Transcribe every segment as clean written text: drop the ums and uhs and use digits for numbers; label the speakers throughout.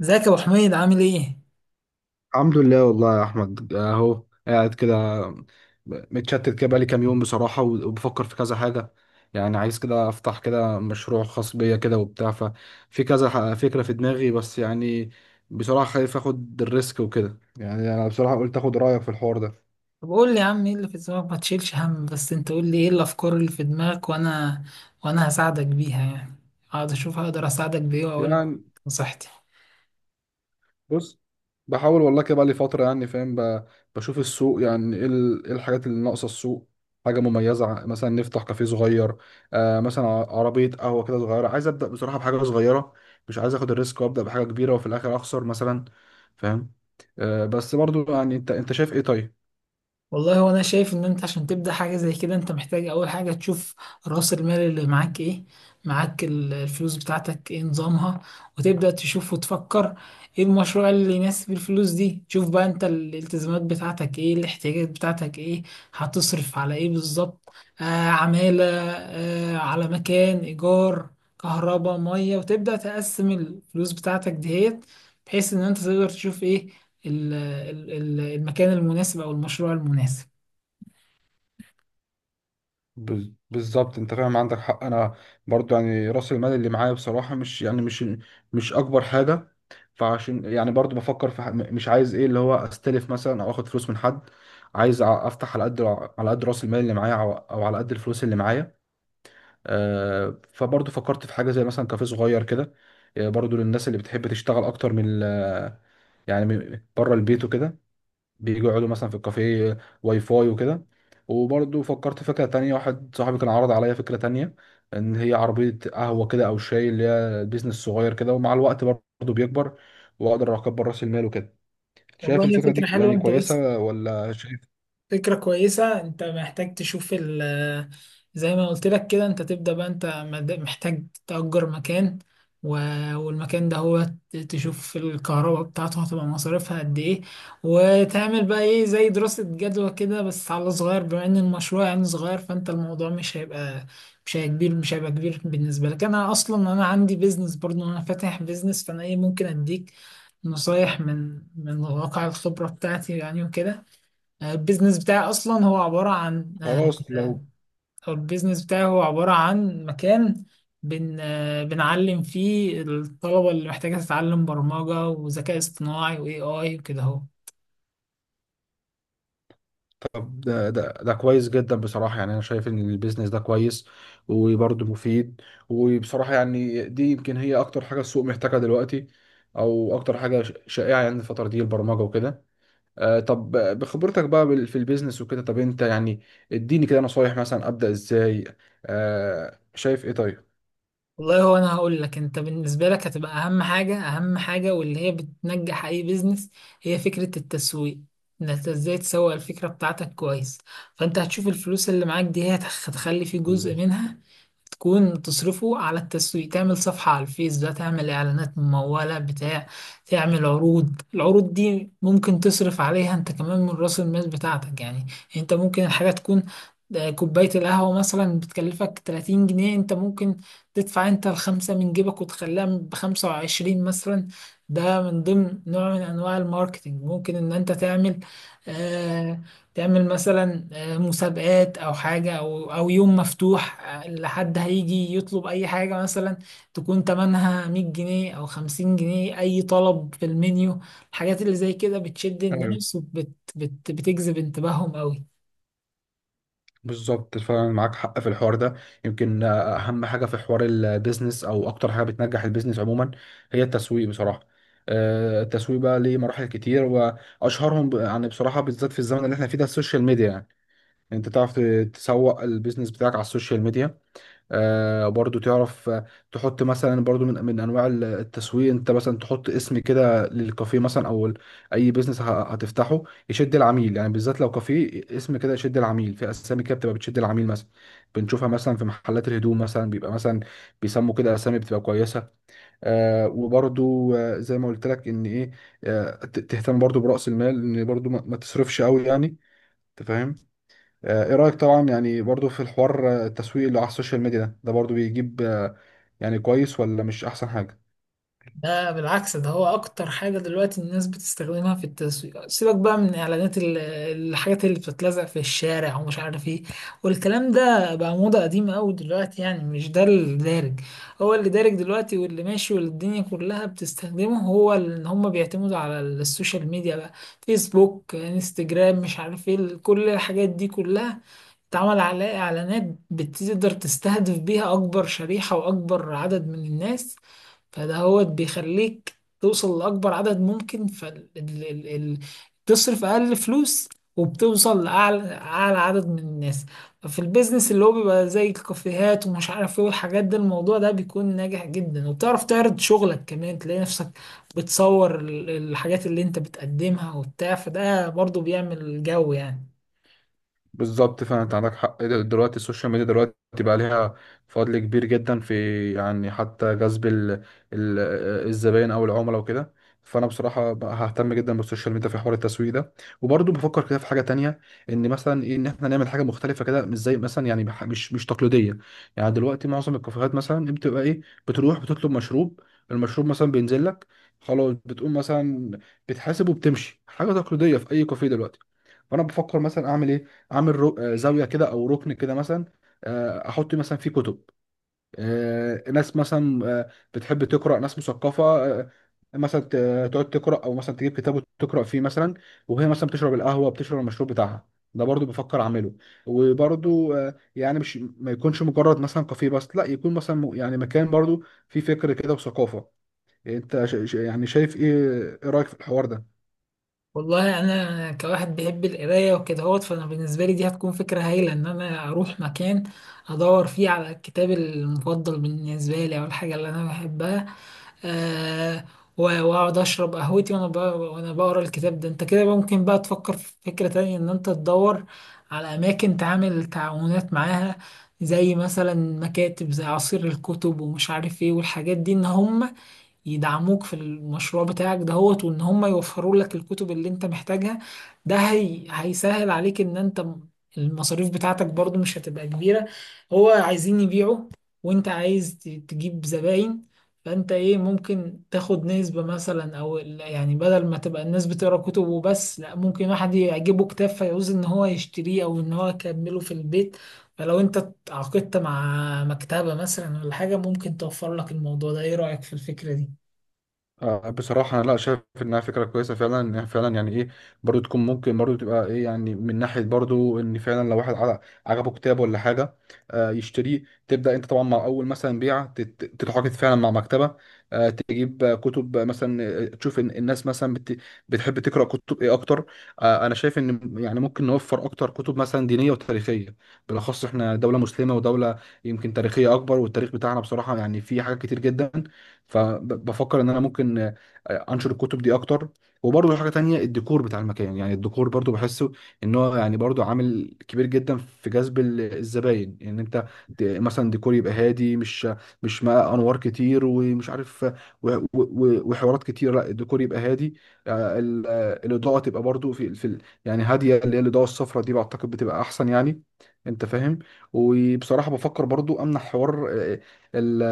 Speaker 1: ازيك يا ابو حميد، عامل ايه؟
Speaker 2: الحمد لله والله يا احمد، اهو قاعد كده. متشتت كده بقالي كام يوم بصراحه، وبفكر في كذا حاجه. يعني عايز كده افتح كده مشروع خاص بيا كده وبتاع، ففي كذا فكره في دماغي، بس يعني بصراحه خايف اخد الريسك وكده. يعني انا بصراحه قلت اخد رايك في الحوار ده.
Speaker 1: طب قول لي يا عم، ايه اللي في دماغك؟ ما تشيلش هم، بس انت قول لي ايه الافكار اللي في دماغك، وانا هساعدك بيها يعني. اقعد اشوف هقدر اساعدك بايه واقول لك
Speaker 2: يعني،
Speaker 1: نصيحتي.
Speaker 2: بص، بحاول والله كده بقى لي فترة. يعني فاهم، بشوف السوق، يعني ايه إيه الحاجات اللي ناقصة السوق. حاجة مميزة، مثلا نفتح كافيه صغير. مثلا عربية قهوة كده صغيرة. عايز أبدأ بصراحة بحاجة صغيرة، مش عايز اخد الريسك وابدأ بحاجة كبيرة وفي الاخر اخسر مثلا. فاهم؟ بس برضو يعني، انت شايف ايه؟ طيب.
Speaker 1: والله وانا شايف ان انت عشان تبدا حاجه زي كده، انت محتاج اول حاجه تشوف راس المال اللي معاك ايه. معاك الفلوس بتاعتك ايه نظامها، وتبدا تشوف وتفكر ايه المشروع اللي يناسب الفلوس دي. تشوف بقى انت الالتزامات بتاعتك ايه، الاحتياجات بتاعتك ايه، هتصرف على ايه بالظبط؟ آه عماله، على مكان، ايجار، كهرباء، ميه. وتبدا تقسم الفلوس بتاعتك ديت، بحيث ان انت تقدر تشوف ايه المكان المناسب او المشروع المناسب.
Speaker 2: بالظبط، انت فاهم، عندك حق. انا برضو يعني راس المال اللي معايا بصراحه، مش يعني مش اكبر حاجه. فعشان يعني برضو بفكر في مش عايز ايه اللي هو استلف مثلا او اخد فلوس من حد. عايز افتح على قد، راس المال اللي معايا، او على قد الفلوس اللي معايا. فبرضو فكرت في حاجه زي مثلا كافيه صغير كده. برضو للناس اللي بتحب تشتغل اكتر من يعني بره البيت وكده، بيجوا يقعدوا مثلا في الكافيه، واي فاي وكده. وبرضه فكرت في فكرة تانية، واحد صاحبي كان عرض عليا فكرة تانية، إن هي عربية قهوة كده أو شاي، اللي هي بيزنس صغير كده ومع الوقت برضه بيكبر وأقدر أكبر رأس المال وكده. شايف
Speaker 1: والله هي
Speaker 2: الفكرة دي
Speaker 1: فكرة حلوة.
Speaker 2: يعني
Speaker 1: انت بس،
Speaker 2: كويسة ولا شايف؟
Speaker 1: فكرة كويسة. انت محتاج تشوف ال آه، زي ما قلت لك كده انت تبدأ بقى. انت محتاج تأجر مكان، والمكان ده هو تشوف الكهرباء بتاعته هتبقى مصاريفها قد ايه. وتعمل بقى ايه زي دراسة جدوى كده، بس على صغير، بما ان المشروع يعني صغير. فانت الموضوع مش هيبقى كبير بالنسبة لك. انا اصلا انا عندي بيزنس برضو، انا فاتح بيزنس، فانا ايه ممكن اديك نصايح من واقع الخبرة بتاعتي يعني وكده. البيزنس بتاعي اصلا هو عباره عن
Speaker 2: خلاص لو
Speaker 1: آه، او البيزنس بتاعي هو عباره عن مكان. بن آه، بنعلم فيه الطلبه اللي محتاجه تتعلم برمجه وذكاء اصطناعي واي اي وكده اهو.
Speaker 2: طب ده كويس جدا بصراحة. يعني أنا شايف إن البيزنس ده كويس وبرضه مفيد. وبصراحة يعني دي يمكن هي أكتر حاجة السوق محتاجها دلوقتي، أو أكتر حاجة شائعة يعني الفترة دي، البرمجة وكده. طب بخبرتك بقى في البيزنس وكده، طب انت يعني اديني كده نصايح، مثلا ابدا ازاي؟ شايف ايه؟ طيب.
Speaker 1: والله هو انا هقول لك، انت بالنسبه لك هتبقى اهم حاجه واللي هي بتنجح اي بيزنس هي فكره التسويق. انك ازاي تسوق الفكره بتاعتك كويس. فانت هتشوف الفلوس اللي معاك دي هي هتخلي فيه جزء
Speaker 2: بالظبط.
Speaker 1: منها تكون تصرفه على التسويق. تعمل صفحة على الفيس بقى، تعمل إعلانات ممولة بتاع تعمل عروض. العروض دي ممكن تصرف عليها أنت كمان من رأس المال بتاعتك يعني. أنت ممكن الحاجة تكون، كوباية القهوة مثلا بتكلفك 30 جنيه، أنت ممكن تدفع أنت الخمسة من جيبك وتخليها بـ25 مثلا. ده من ضمن نوع من أنواع الماركتينج. ممكن إن أنت تعمل، آه، تعمل مثلا مسابقات او حاجه، او يوم مفتوح، لحد هيجي يطلب اي حاجه مثلا تكون تمنها 100 جنيه او 50 جنيه، اي طلب في المنيو. الحاجات اللي زي كده بتشد
Speaker 2: ايوه،
Speaker 1: الناس وبت بت بتجذب انتباههم قوي.
Speaker 2: بالظبط فعلا معاك حق في الحوار ده. يمكن اهم حاجه في حوار البيزنس، او اكتر حاجه بتنجح البيزنس عموما، هي التسويق بصراحه. التسويق بقى ليه مراحل كتير، واشهرهم يعني بصراحه بالذات في الزمن اللي احنا فيه ده، السوشيال ميديا يعني. يعني انت تعرف تسوق البيزنس بتاعك على السوشيال ميديا. برضو تعرف، تحط مثلا برضو من انواع التسويق، انت مثلا تحط اسم كده للكافيه مثلا، او اي بيزنس هتفتحه، يشد العميل. يعني بالذات لو كافيه اسم كده يشد العميل، في اسامي كده بتبقى بتشد العميل مثلا، بنشوفها مثلا في محلات الهدوم، مثلا بيبقى مثلا بيسموا كده اسامي بتبقى كويسه. وبرضو، زي ما قلت لك ان ايه، تهتم برضو براس المال، ان برضو ما تصرفش قوي يعني. انت فاهم؟ ايه رأيك طبعا، يعني برضو في الحوار، التسويق اللي على السوشيال ميديا ده، برضو بيجيب، يعني كويس ولا مش احسن حاجة؟
Speaker 1: ده بالعكس، ده هو اكتر حاجة دلوقتي الناس بتستخدمها في التسويق. سيبك بقى من اعلانات الحاجات اللي بتتلزق في الشارع ومش عارف ايه، والكلام ده بقى موضة قديمة قوي دلوقتي يعني، مش ده اللي دارج. هو اللي دارج دلوقتي واللي ماشي واللي الدنيا كلها بتستخدمه، هو ان هم بيعتمدوا على السوشيال ميديا بقى، فيسبوك، انستجرام، مش عارف ايه. كل الحاجات دي كلها اتعمل عليها اعلانات بتقدر تستهدف بيها اكبر شريحة واكبر عدد من الناس. فده هو بيخليك توصل لأكبر عدد ممكن فتصرف أقل فلوس، وبتوصل لأعلى عدد من الناس. ففي البيزنس اللي هو بيبقى زي الكافيهات ومش عارف ايه والحاجات ده، الموضوع ده بيكون ناجح جدا، وبتعرف تعرض شغلك كمان. تلاقي نفسك بتصور الحاجات اللي انت بتقدمها وبتاع، فده برضو بيعمل جو يعني.
Speaker 2: بالظبط، فعلا انت عندك حق. دلوقتي السوشيال ميديا دلوقتي بقى ليها فضل كبير جدا في، يعني حتى جذب ال- الزباين او العملاء وكده. فانا بصراحه بقى ههتم جدا بالسوشيال ميديا في حوار التسويق ده. وبرضه بفكر كده في حاجه تانية، ان مثلا ايه، ان احنا نعمل حاجه مختلفه كده، مش زي مثلا يعني، مش تقليديه. يعني دلوقتي معظم الكافيهات مثلا، بتبقى ايه؟ بتروح بتطلب مشروب، المشروب مثلا بينزل لك، خلاص بتقوم مثلا بتحاسب وبتمشي. حاجه تقليديه في اي كافيه دلوقتي. فانا بفكر مثلا اعمل ايه، عامل رو... آه، زاويه كده او ركن كده مثلا. احط مثلا فيه كتب، ناس مثلا بتحب تقرا، ناس مثقفه مثلا تقعد تقرا، او مثلا تجيب كتاب وتقرا فيه مثلا، وهي مثلا بتشرب القهوه، بتشرب المشروب بتاعها. ده برضو بفكر اعمله. وبرضو يعني مش، ما يكونش مجرد مثلا كافيه بس، لا يكون مثلا يعني مكان برضو فيه فكر كده وثقافه. انت يعني شايف ايه؟ ايه رايك في الحوار ده؟
Speaker 1: والله انا كواحد بيحب القرايه وكده هوت، فانا بالنسبه لي دي هتكون فكره هايله، ان انا اروح مكان ادور فيه على الكتاب المفضل بالنسبه لي او الحاجه اللي انا بحبها، آه واقعد اشرب قهوتي وانا بقرا الكتاب ده. انت كده بقى ممكن بقى تفكر في فكره تانية، ان انت تدور على اماكن تعمل تعاونات معاها، زي مثلا مكاتب زي عصير الكتب ومش عارف ايه والحاجات دي، ان هم يدعموك في المشروع بتاعك دهوت، وان هم يوفروا لك الكتب اللي انت محتاجها. ده هي هيسهل عليك ان انت، المصاريف بتاعتك برضو مش هتبقى كبيرة. هو عايزين يبيعوا، وانت عايز تجيب زباين، فانت ايه ممكن تاخد نسبة مثلا او يعني بدل ما تبقى الناس بتقرا كتب وبس، لا، ممكن واحد يعجبه كتاب فيعوز ان هو يشتريه او ان هو يكمله في البيت. فلو انت اتعاقدت مع مكتبة مثلا ولا حاجة، ممكن توفر لك الموضوع ده. ايه رأيك في الفكرة دي؟
Speaker 2: بصراحة أنا لا شايف إنها فكرة كويسة، فعلا إنها فعلا يعني إيه، برضو تكون ممكن، برضو تبقى إيه، يعني من ناحية برضو إن فعلا لو واحد عجبه كتاب ولا حاجة، يشتريه. تبدأ أنت طبعا مع أول مثلا بيعة تتعاقد فعلا مع مكتبة، تجيب كتب مثلا تشوف إن الناس مثلا بتحب تقرأ كتب إيه أكتر. أنا شايف إن يعني ممكن نوفر أكتر كتب مثلا دينية وتاريخية، بالأخص إحنا دولة مسلمة ودولة يمكن تاريخية أكبر، والتاريخ بتاعنا بصراحة يعني فيه حاجات كتير جدا. فبفكر ان انا ممكن انشر الكتب دي اكتر. وبرضه حاجه تانية، الديكور بتاع المكان، يعني الديكور برضه بحسه ان هو يعني برضه عامل كبير جدا في جذب الزباين، ان يعني انت مثلا ديكور يبقى هادي، مش مع انوار كتير ومش عارف، وحوارات كتير. لا الديكور يبقى هادي. الاضاءه تبقى برضه في يعني هاديه، اللي هي الاضاءه الصفراء دي بعتقد بتبقى احسن يعني. انت فاهم؟ وبصراحه بفكر برضو امنح حوار، ال-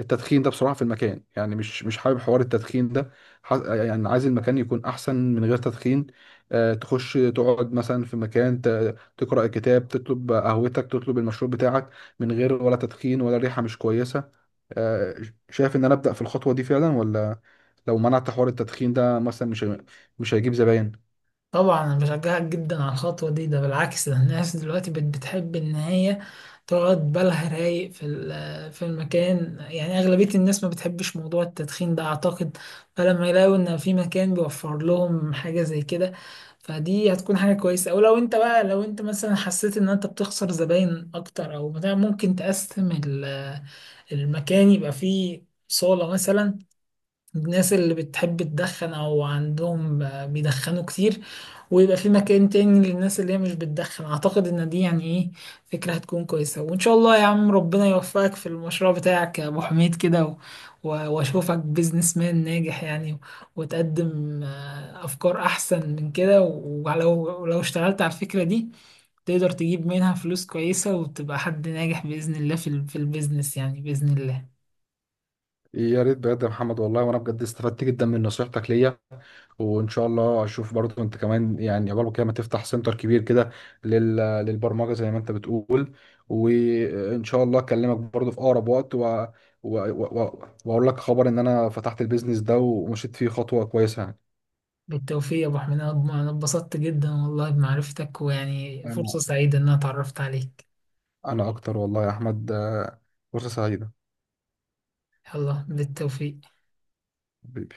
Speaker 2: التدخين ده بصراحة في المكان. يعني مش حابب حوار التدخين ده. يعني عايز المكان يكون أحسن من غير تدخين. تخش تقعد مثلا في مكان تقرأ الكتاب، تطلب قهوتك، تطلب المشروب بتاعك، من غير ولا تدخين ولا ريحة مش كويسة. آه، شايف إن أنا أبدأ في الخطوة دي فعلا ولا؟ لو منعت حوار التدخين ده مثلا مش هيجيب زباين؟
Speaker 1: طبعا انا بشجعك جدا على الخطوه دي. ده بالعكس، ده الناس دلوقتي بتحب ان هي تقعد بالها رايق في في المكان يعني. اغلبيه الناس ما بتحبش موضوع التدخين ده اعتقد، فلما يلاقوا ان في مكان بيوفر لهم حاجه زي كده، فدي هتكون حاجه كويسه. او لو انت مثلا حسيت ان انت بتخسر زباين اكتر او بتاع، ممكن تقسم المكان، يبقى فيه صاله مثلا الناس اللي بتحب تدخن او عندهم بيدخنوا كتير، ويبقى في مكان تاني للناس اللي هي مش بتدخن. اعتقد ان دي يعني ايه فكرة هتكون كويسة. وان شاء الله يا عم ربنا يوفقك في المشروع بتاعك يا ابو حميد كده، واشوفك بيزنس مان ناجح يعني، وتقدم افكار احسن من كده. ولو اشتغلت على الفكرة دي، تقدر تجيب منها فلوس كويسة وتبقى حد ناجح بإذن الله في في البيزنس يعني بإذن الله.
Speaker 2: يا ريت بجد يا محمد والله، وأنا بجد استفدت جدا من نصيحتك ليا. وان شاء الله اشوف برضو انت كمان، يعني عقبال كده ما تفتح سنتر كبير كده لل- للبرمجه زي ما انت بتقول. وان شاء الله اكلمك برضو في اقرب وقت واقول لك خبر ان انا فتحت البيزنس ده ومشيت فيه خطوه كويسه يعني.
Speaker 1: بالتوفيق يا أبو حميد، أنا اتبسطت جدا والله بمعرفتك، ويعني
Speaker 2: انا
Speaker 1: فرصة سعيدة إن أنا اتعرفت عليك.
Speaker 2: انا اكتر والله يا احمد، فرصه سعيده،
Speaker 1: يلا بالتوفيق.
Speaker 2: حبيبي.